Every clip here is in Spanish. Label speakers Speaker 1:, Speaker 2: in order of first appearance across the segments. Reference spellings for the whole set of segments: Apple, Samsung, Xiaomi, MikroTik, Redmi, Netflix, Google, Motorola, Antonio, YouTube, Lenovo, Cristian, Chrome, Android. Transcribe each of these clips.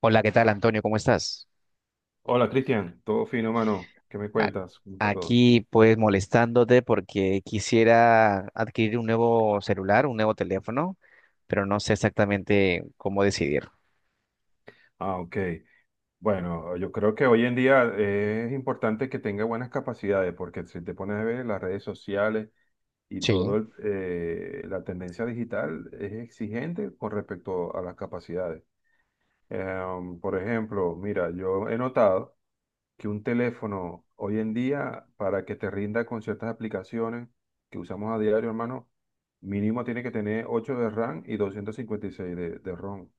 Speaker 1: Hola, ¿qué tal, Antonio? ¿Cómo estás?
Speaker 2: Hola Cristian, todo fino, mano. ¿Qué me
Speaker 1: A-
Speaker 2: cuentas? ¿Cómo está todo?
Speaker 1: Aquí, pues, molestándote porque quisiera adquirir un nuevo celular, un nuevo teléfono, pero no sé exactamente cómo decidir.
Speaker 2: Ah, ok. Bueno, yo creo que hoy en día es importante que tenga buenas capacidades, porque si te pones a ver las redes sociales y
Speaker 1: Sí,
Speaker 2: todo la tendencia digital es exigente con respecto a las capacidades. Por ejemplo, mira, yo he notado que un teléfono hoy en día, para que te rinda con ciertas aplicaciones que usamos a diario, hermano, mínimo tiene que tener 8 de RAM y 256 de ROM.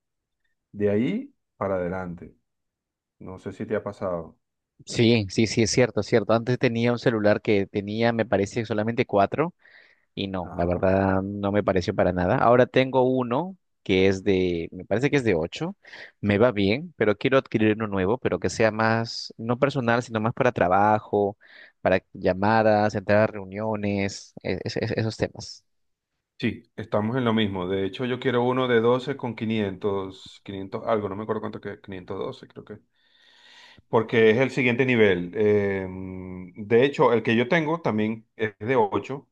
Speaker 2: De ahí para adelante. No sé si te ha pasado.
Speaker 1: sí, sí, sí, es cierto, es cierto. Antes tenía un celular que tenía, me parece, solamente cuatro. Y no, la
Speaker 2: Ajá.
Speaker 1: verdad no me pareció para nada. Ahora tengo uno que es de, me parece que es de 8, me va bien, pero quiero adquirir uno nuevo, pero que sea más, no personal, sino más para trabajo, para llamadas, entrar a reuniones, esos temas.
Speaker 2: Sí, estamos en lo mismo. De hecho, yo quiero uno de 12 con quinientos algo, no me acuerdo cuánto que, 512 creo que, porque es el siguiente nivel. De hecho, el que yo tengo también es de ocho,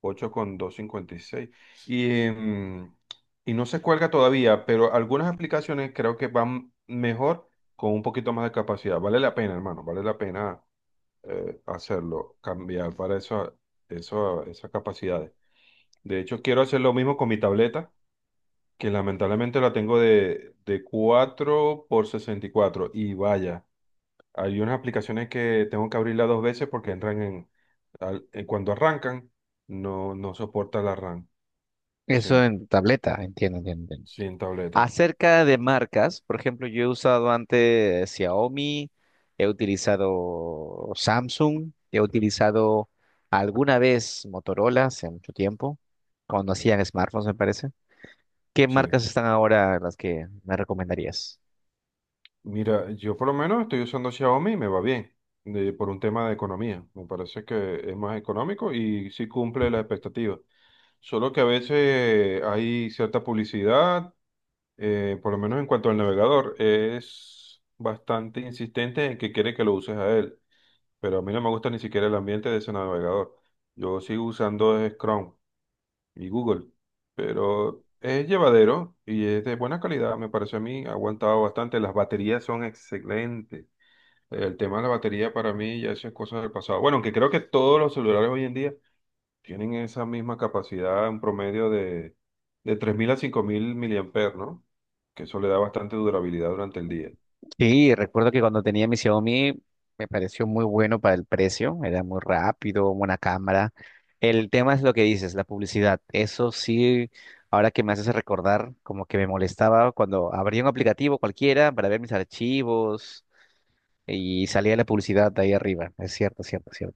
Speaker 2: ocho con doscientos cincuenta y seis. Y, em, y no se cuelga todavía, pero algunas aplicaciones creo que van mejor con un poquito más de capacidad. Vale la pena, hermano, vale la pena hacerlo, cambiar para esas capacidades. De hecho, quiero hacer lo mismo con mi tableta, que lamentablemente la tengo de 4 por 64 y vaya. Hay unas aplicaciones que tengo que abrirla dos veces porque entran en, cuando arrancan, no, no soporta la RAM. Sí,
Speaker 1: Eso en tableta, entiendo, entiendo, entiendo.
Speaker 2: sí, en tableta.
Speaker 1: Acerca de marcas, por ejemplo, yo he usado antes Xiaomi, he utilizado Samsung, he utilizado alguna vez Motorola hace mucho tiempo, cuando hacían smartphones, me parece. ¿Qué
Speaker 2: Sí.
Speaker 1: marcas están ahora las que me recomendarías?
Speaker 2: Mira, yo por lo menos estoy usando Xiaomi y me va bien, por un tema de economía. Me parece que es más económico y sí cumple la expectativa. Solo que a veces hay cierta publicidad, por lo menos en cuanto al navegador, es bastante insistente en que quiere que lo uses a él, pero a mí no me gusta ni siquiera el ambiente de ese navegador. Yo sigo usando es Chrome y Google, pero es llevadero y es de buena calidad, me parece a mí, ha aguantado bastante. Las baterías son excelentes. El tema de la batería para mí ya eso es cosa del pasado. Bueno, aunque creo que todos los celulares hoy en día tienen esa misma capacidad, un promedio de 3.000 a 5.000 miliamperes, ¿no? Que eso le da bastante durabilidad durante el día.
Speaker 1: Sí, recuerdo que cuando tenía mi Xiaomi me pareció muy bueno para el precio, era muy rápido, buena cámara. El tema es lo que dices, la publicidad. Eso sí, ahora que me haces recordar, como que me molestaba cuando abría un aplicativo cualquiera para ver mis archivos y salía la publicidad de ahí arriba. Es cierto, cierto, cierto.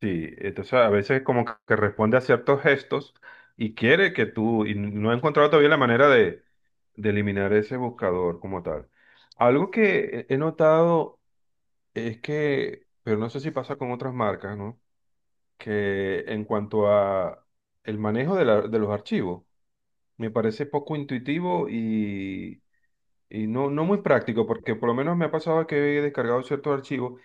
Speaker 2: Sí, entonces a veces como que responde a ciertos gestos y quiere que tú, y no he encontrado todavía la manera de eliminar ese buscador como tal. Algo que he notado es que, pero no sé si pasa con otras marcas, ¿no? Que en cuanto a el manejo de los archivos, me parece poco intuitivo y no, no muy práctico, porque por lo menos me ha pasado que he descargado ciertos archivos.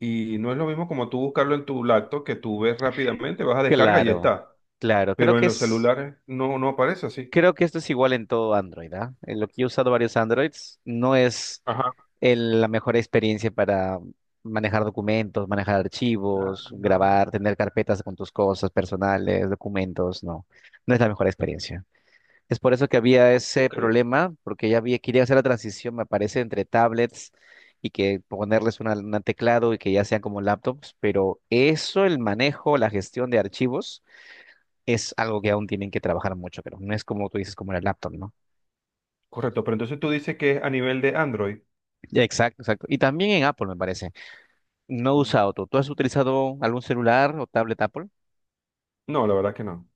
Speaker 2: Y no es lo mismo como tú buscarlo en tu lacto que tú ves rápidamente, vas a descarga y ya
Speaker 1: Claro,
Speaker 2: está.
Speaker 1: claro.
Speaker 2: Pero en los celulares no, no aparece así.
Speaker 1: Creo que esto es igual en todo Android, ¿ah? En lo que yo he usado varios Androids, no es
Speaker 2: Ajá.
Speaker 1: la mejor experiencia para manejar documentos, manejar archivos,
Speaker 2: Ah,
Speaker 1: grabar, tener carpetas con tus cosas personales, documentos, no, no es la mejor experiencia. Es por eso que había ese
Speaker 2: ok.
Speaker 1: problema, porque ya había, quería hacer la transición, me parece, entre tablets y que ponerles una, un teclado y que ya sean como laptops, pero eso, el manejo, la gestión de archivos. Es algo que aún tienen que trabajar mucho, pero no es como tú dices, como en el laptop, ¿no?
Speaker 2: Correcto, pero entonces tú dices que es a nivel de Android.
Speaker 1: Exacto, exacto. Y también en Apple, me parece. No he
Speaker 2: Mm.
Speaker 1: usado tú. ¿Tú has utilizado algún celular o tablet Apple?
Speaker 2: No, la verdad que no.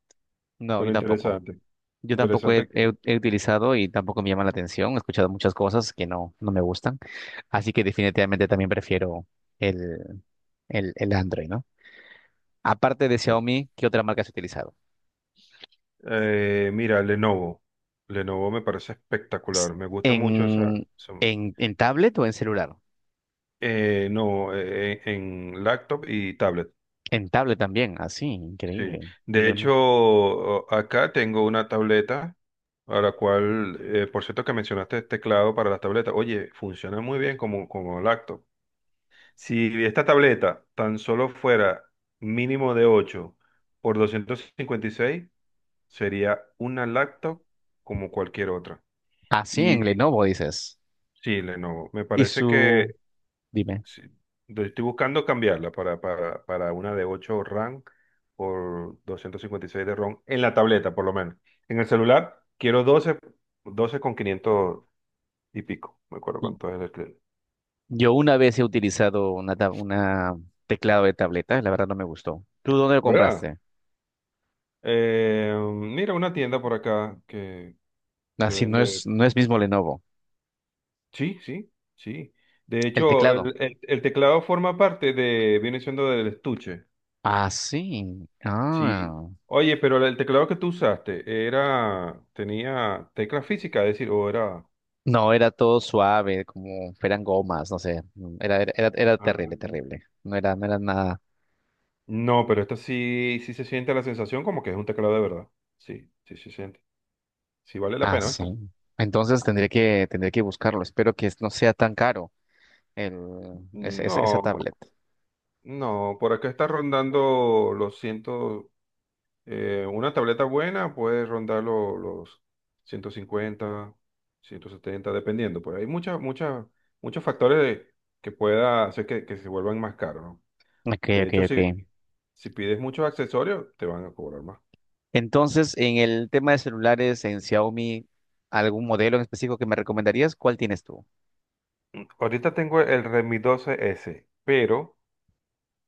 Speaker 1: No,
Speaker 2: Pero
Speaker 1: yo tampoco.
Speaker 2: interesante.
Speaker 1: Yo tampoco
Speaker 2: Interesante que.
Speaker 1: he utilizado y tampoco me llama la atención. He escuchado muchas cosas que no, no me gustan. Así que definitivamente también prefiero el, el Android, ¿no? Aparte de
Speaker 2: Sí.
Speaker 1: Xiaomi, ¿qué otra marca has utilizado?
Speaker 2: Mira, Lenovo. Lenovo me parece
Speaker 1: S-
Speaker 2: espectacular. Me gusta mucho esa...
Speaker 1: ¿En,
Speaker 2: esa-
Speaker 1: en tablet o en celular?
Speaker 2: No, en laptop y tablet.
Speaker 1: En tablet también. Así,
Speaker 2: Sí,
Speaker 1: increíble.
Speaker 2: de
Speaker 1: Yo
Speaker 2: hecho,
Speaker 1: nunca.
Speaker 2: acá tengo una tableta a la cual, por cierto que mencionaste el teclado para las tabletas, oye, funciona muy bien como, como laptop. Si esta tableta tan solo fuera mínimo de 8 por 256 sería una laptop como cualquier otra.
Speaker 1: Así en
Speaker 2: Y
Speaker 1: Lenovo dices.
Speaker 2: sí, Lenovo, me
Speaker 1: Y
Speaker 2: parece
Speaker 1: su.
Speaker 2: que
Speaker 1: Dime.
Speaker 2: sí. Entonces, estoy buscando cambiarla para una de 8 RAM por 256 de ROM en la tableta, por lo menos. En el celular quiero doce con 500 y pico. Me acuerdo cuánto es el que.
Speaker 1: Yo una vez he utilizado una teclado de tableta, la verdad no me gustó. ¿Tú dónde lo
Speaker 2: ¿Verdad?
Speaker 1: compraste?
Speaker 2: Mira, una tienda por acá que
Speaker 1: Así no
Speaker 2: vende.
Speaker 1: es, no es mismo Lenovo.
Speaker 2: Sí, sí, sí. De
Speaker 1: El
Speaker 2: hecho,
Speaker 1: teclado.
Speaker 2: el teclado forma parte de, viene siendo del estuche.
Speaker 1: Ah, sí.
Speaker 2: Sí.
Speaker 1: Ah.
Speaker 2: Oye, pero el teclado que tú usaste era, tenía tecla física, es decir, ¿o era?
Speaker 1: No, era todo suave, como eran gomas, no sé. Era, era, era, era
Speaker 2: Ah.
Speaker 1: terrible, terrible. No era, no era nada.
Speaker 2: No, pero esta sí, sí se siente la sensación como que es un teclado de verdad. Sí, sí se siente. Sí vale la
Speaker 1: Ah,
Speaker 2: pena,
Speaker 1: sí.
Speaker 2: ¿viste?
Speaker 1: Entonces tendré que buscarlo. Espero que no sea tan caro esa
Speaker 2: No,
Speaker 1: tablet.
Speaker 2: no, por acá está rondando. Una tableta buena puede rondar los 150, 170 dependiendo. Pues hay muchas, muchos factores que pueda hacer que se vuelvan más caros, ¿no?
Speaker 1: Ok,
Speaker 2: De
Speaker 1: ok,
Speaker 2: hecho, si,
Speaker 1: ok.
Speaker 2: si pides muchos accesorios, te van a cobrar más.
Speaker 1: Entonces, en el tema de celulares en Xiaomi, ¿algún modelo en específico que me recomendarías? ¿Cuál tienes tú?
Speaker 2: Ahorita tengo el Redmi 12S, pero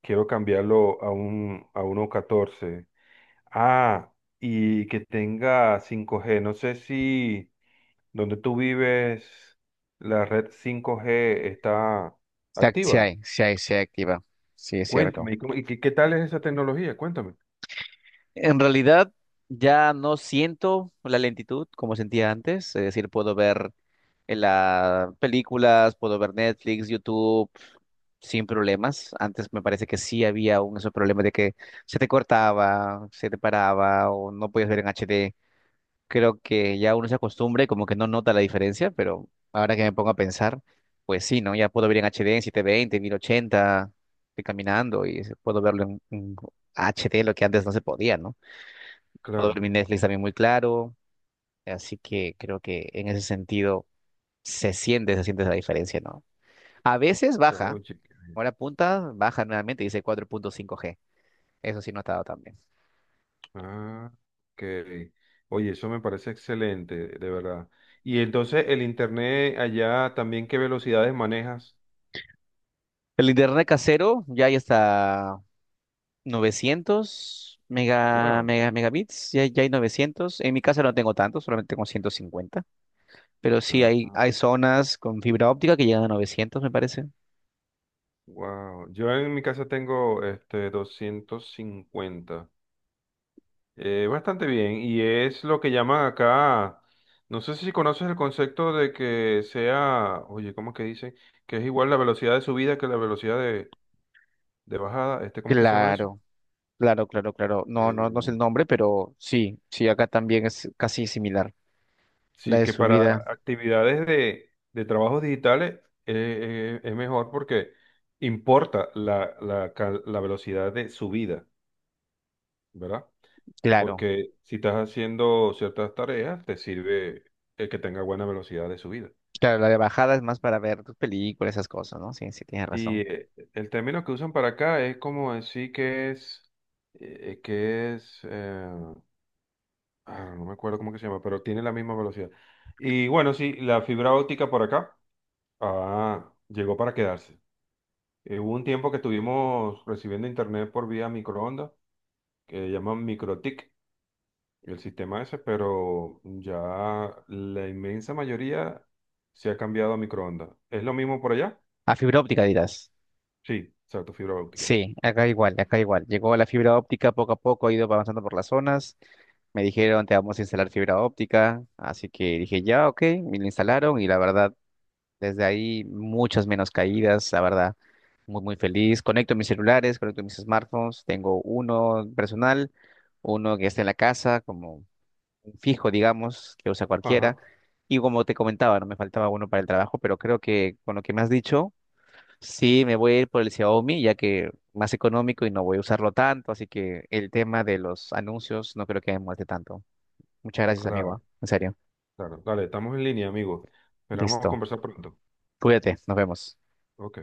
Speaker 2: quiero cambiarlo a un a uno catorce. Ah, y que tenga 5G. No sé si donde tú vives la red 5G está activa.
Speaker 1: Se activa. Sí, es cierto.
Speaker 2: Cuéntame, y qué tal es esa tecnología? Cuéntame.
Speaker 1: En realidad, ya no siento la lentitud como sentía antes. Es decir, puedo ver en las películas, puedo ver Netflix, YouTube, sin problemas. Antes me parece que sí había un ese problema de que se te cortaba, se te paraba o no podías ver en HD. Creo que ya uno se acostumbra y como que no nota la diferencia, pero ahora que me pongo a pensar, pues sí, ¿no? Ya puedo ver en H D en 720, 1080, estoy caminando y puedo verlo en H D lo que antes no se podía, ¿no? Puedo ver
Speaker 2: Claro.
Speaker 1: mi Netflix también muy claro, así que creo que en ese sentido se siente la diferencia, ¿no? A veces baja,
Speaker 2: Oye.
Speaker 1: ahora punta, baja nuevamente, dice 4.5G. Eso sí, notado también.
Speaker 2: Ah, ok. Oye, eso me parece excelente, de verdad. Y entonces el internet allá también, ¿qué velocidades manejas?
Speaker 1: El internet casero, ya hay hasta 900
Speaker 2: Wow.
Speaker 1: megabits, ya, ya hay 900. En mi casa no tengo tanto, solamente tengo 150, pero sí hay,
Speaker 2: Ah,
Speaker 1: hay zonas con fibra óptica que llegan a 900, me parece.
Speaker 2: wow. Yo en mi casa tengo este 250. Bastante bien. Y es lo que llaman acá. No sé si conoces el concepto de que sea, oye, ¿cómo es que dice? Que es igual la velocidad de subida que la velocidad de bajada. Este, ¿cómo que se llama eso?
Speaker 1: Claro, claro, claro, claro. No, no, no sé
Speaker 2: Eh,
Speaker 1: el nombre, pero sí, sí, acá también es casi similar. La
Speaker 2: Sí,
Speaker 1: de
Speaker 2: que para
Speaker 1: subida,
Speaker 2: actividades de trabajos digitales es mejor porque importa la velocidad de subida, ¿verdad?
Speaker 1: claro.
Speaker 2: Porque si estás haciendo ciertas tareas, te sirve el que tenga buena velocidad de subida.
Speaker 1: Claro, la de bajada es más para ver tus películas, esas cosas, ¿no? Sí, sí, tienes
Speaker 2: Y
Speaker 1: razón.
Speaker 2: el término que usan para acá es como decir eh, que es, eh, no me acuerdo cómo que se llama, pero tiene la misma velocidad. Y bueno, sí, la fibra óptica por acá, llegó para quedarse. Hubo un tiempo que estuvimos recibiendo internet por vía microondas, que llaman MikroTik, el sistema ese, pero ya la inmensa mayoría se ha cambiado a microondas. ¿Es lo mismo por allá?
Speaker 1: A fibra óptica dirás.
Speaker 2: Sí, exacto, fibra óptica.
Speaker 1: Sí, acá igual, acá igual. Llegó la fibra óptica poco a poco, ha ido avanzando por las zonas. Me dijeron, te vamos a instalar fibra óptica, así que dije, ya, ok, me la instalaron y la verdad, desde ahí muchas menos caídas, la verdad, muy, muy feliz. Conecto mis celulares, conecto mis smartphones, tengo uno personal, uno que está en la casa, como un fijo, digamos, que usa cualquiera.
Speaker 2: Ajá,
Speaker 1: Y como te comentaba, no me faltaba uno para el trabajo, pero creo que con lo que me has dicho, sí, me voy a ir por el Xiaomi, ya que más económico y no voy a usarlo tanto, así que el tema de los anuncios no creo que me muestre tanto. Muchas gracias, amigo, ¿ah?
Speaker 2: claro,
Speaker 1: En serio.
Speaker 2: claro. Dale, estamos en línea, amigo. Esperamos
Speaker 1: Listo.
Speaker 2: conversar pronto.
Speaker 1: Cuídate. Nos vemos.
Speaker 2: Ok.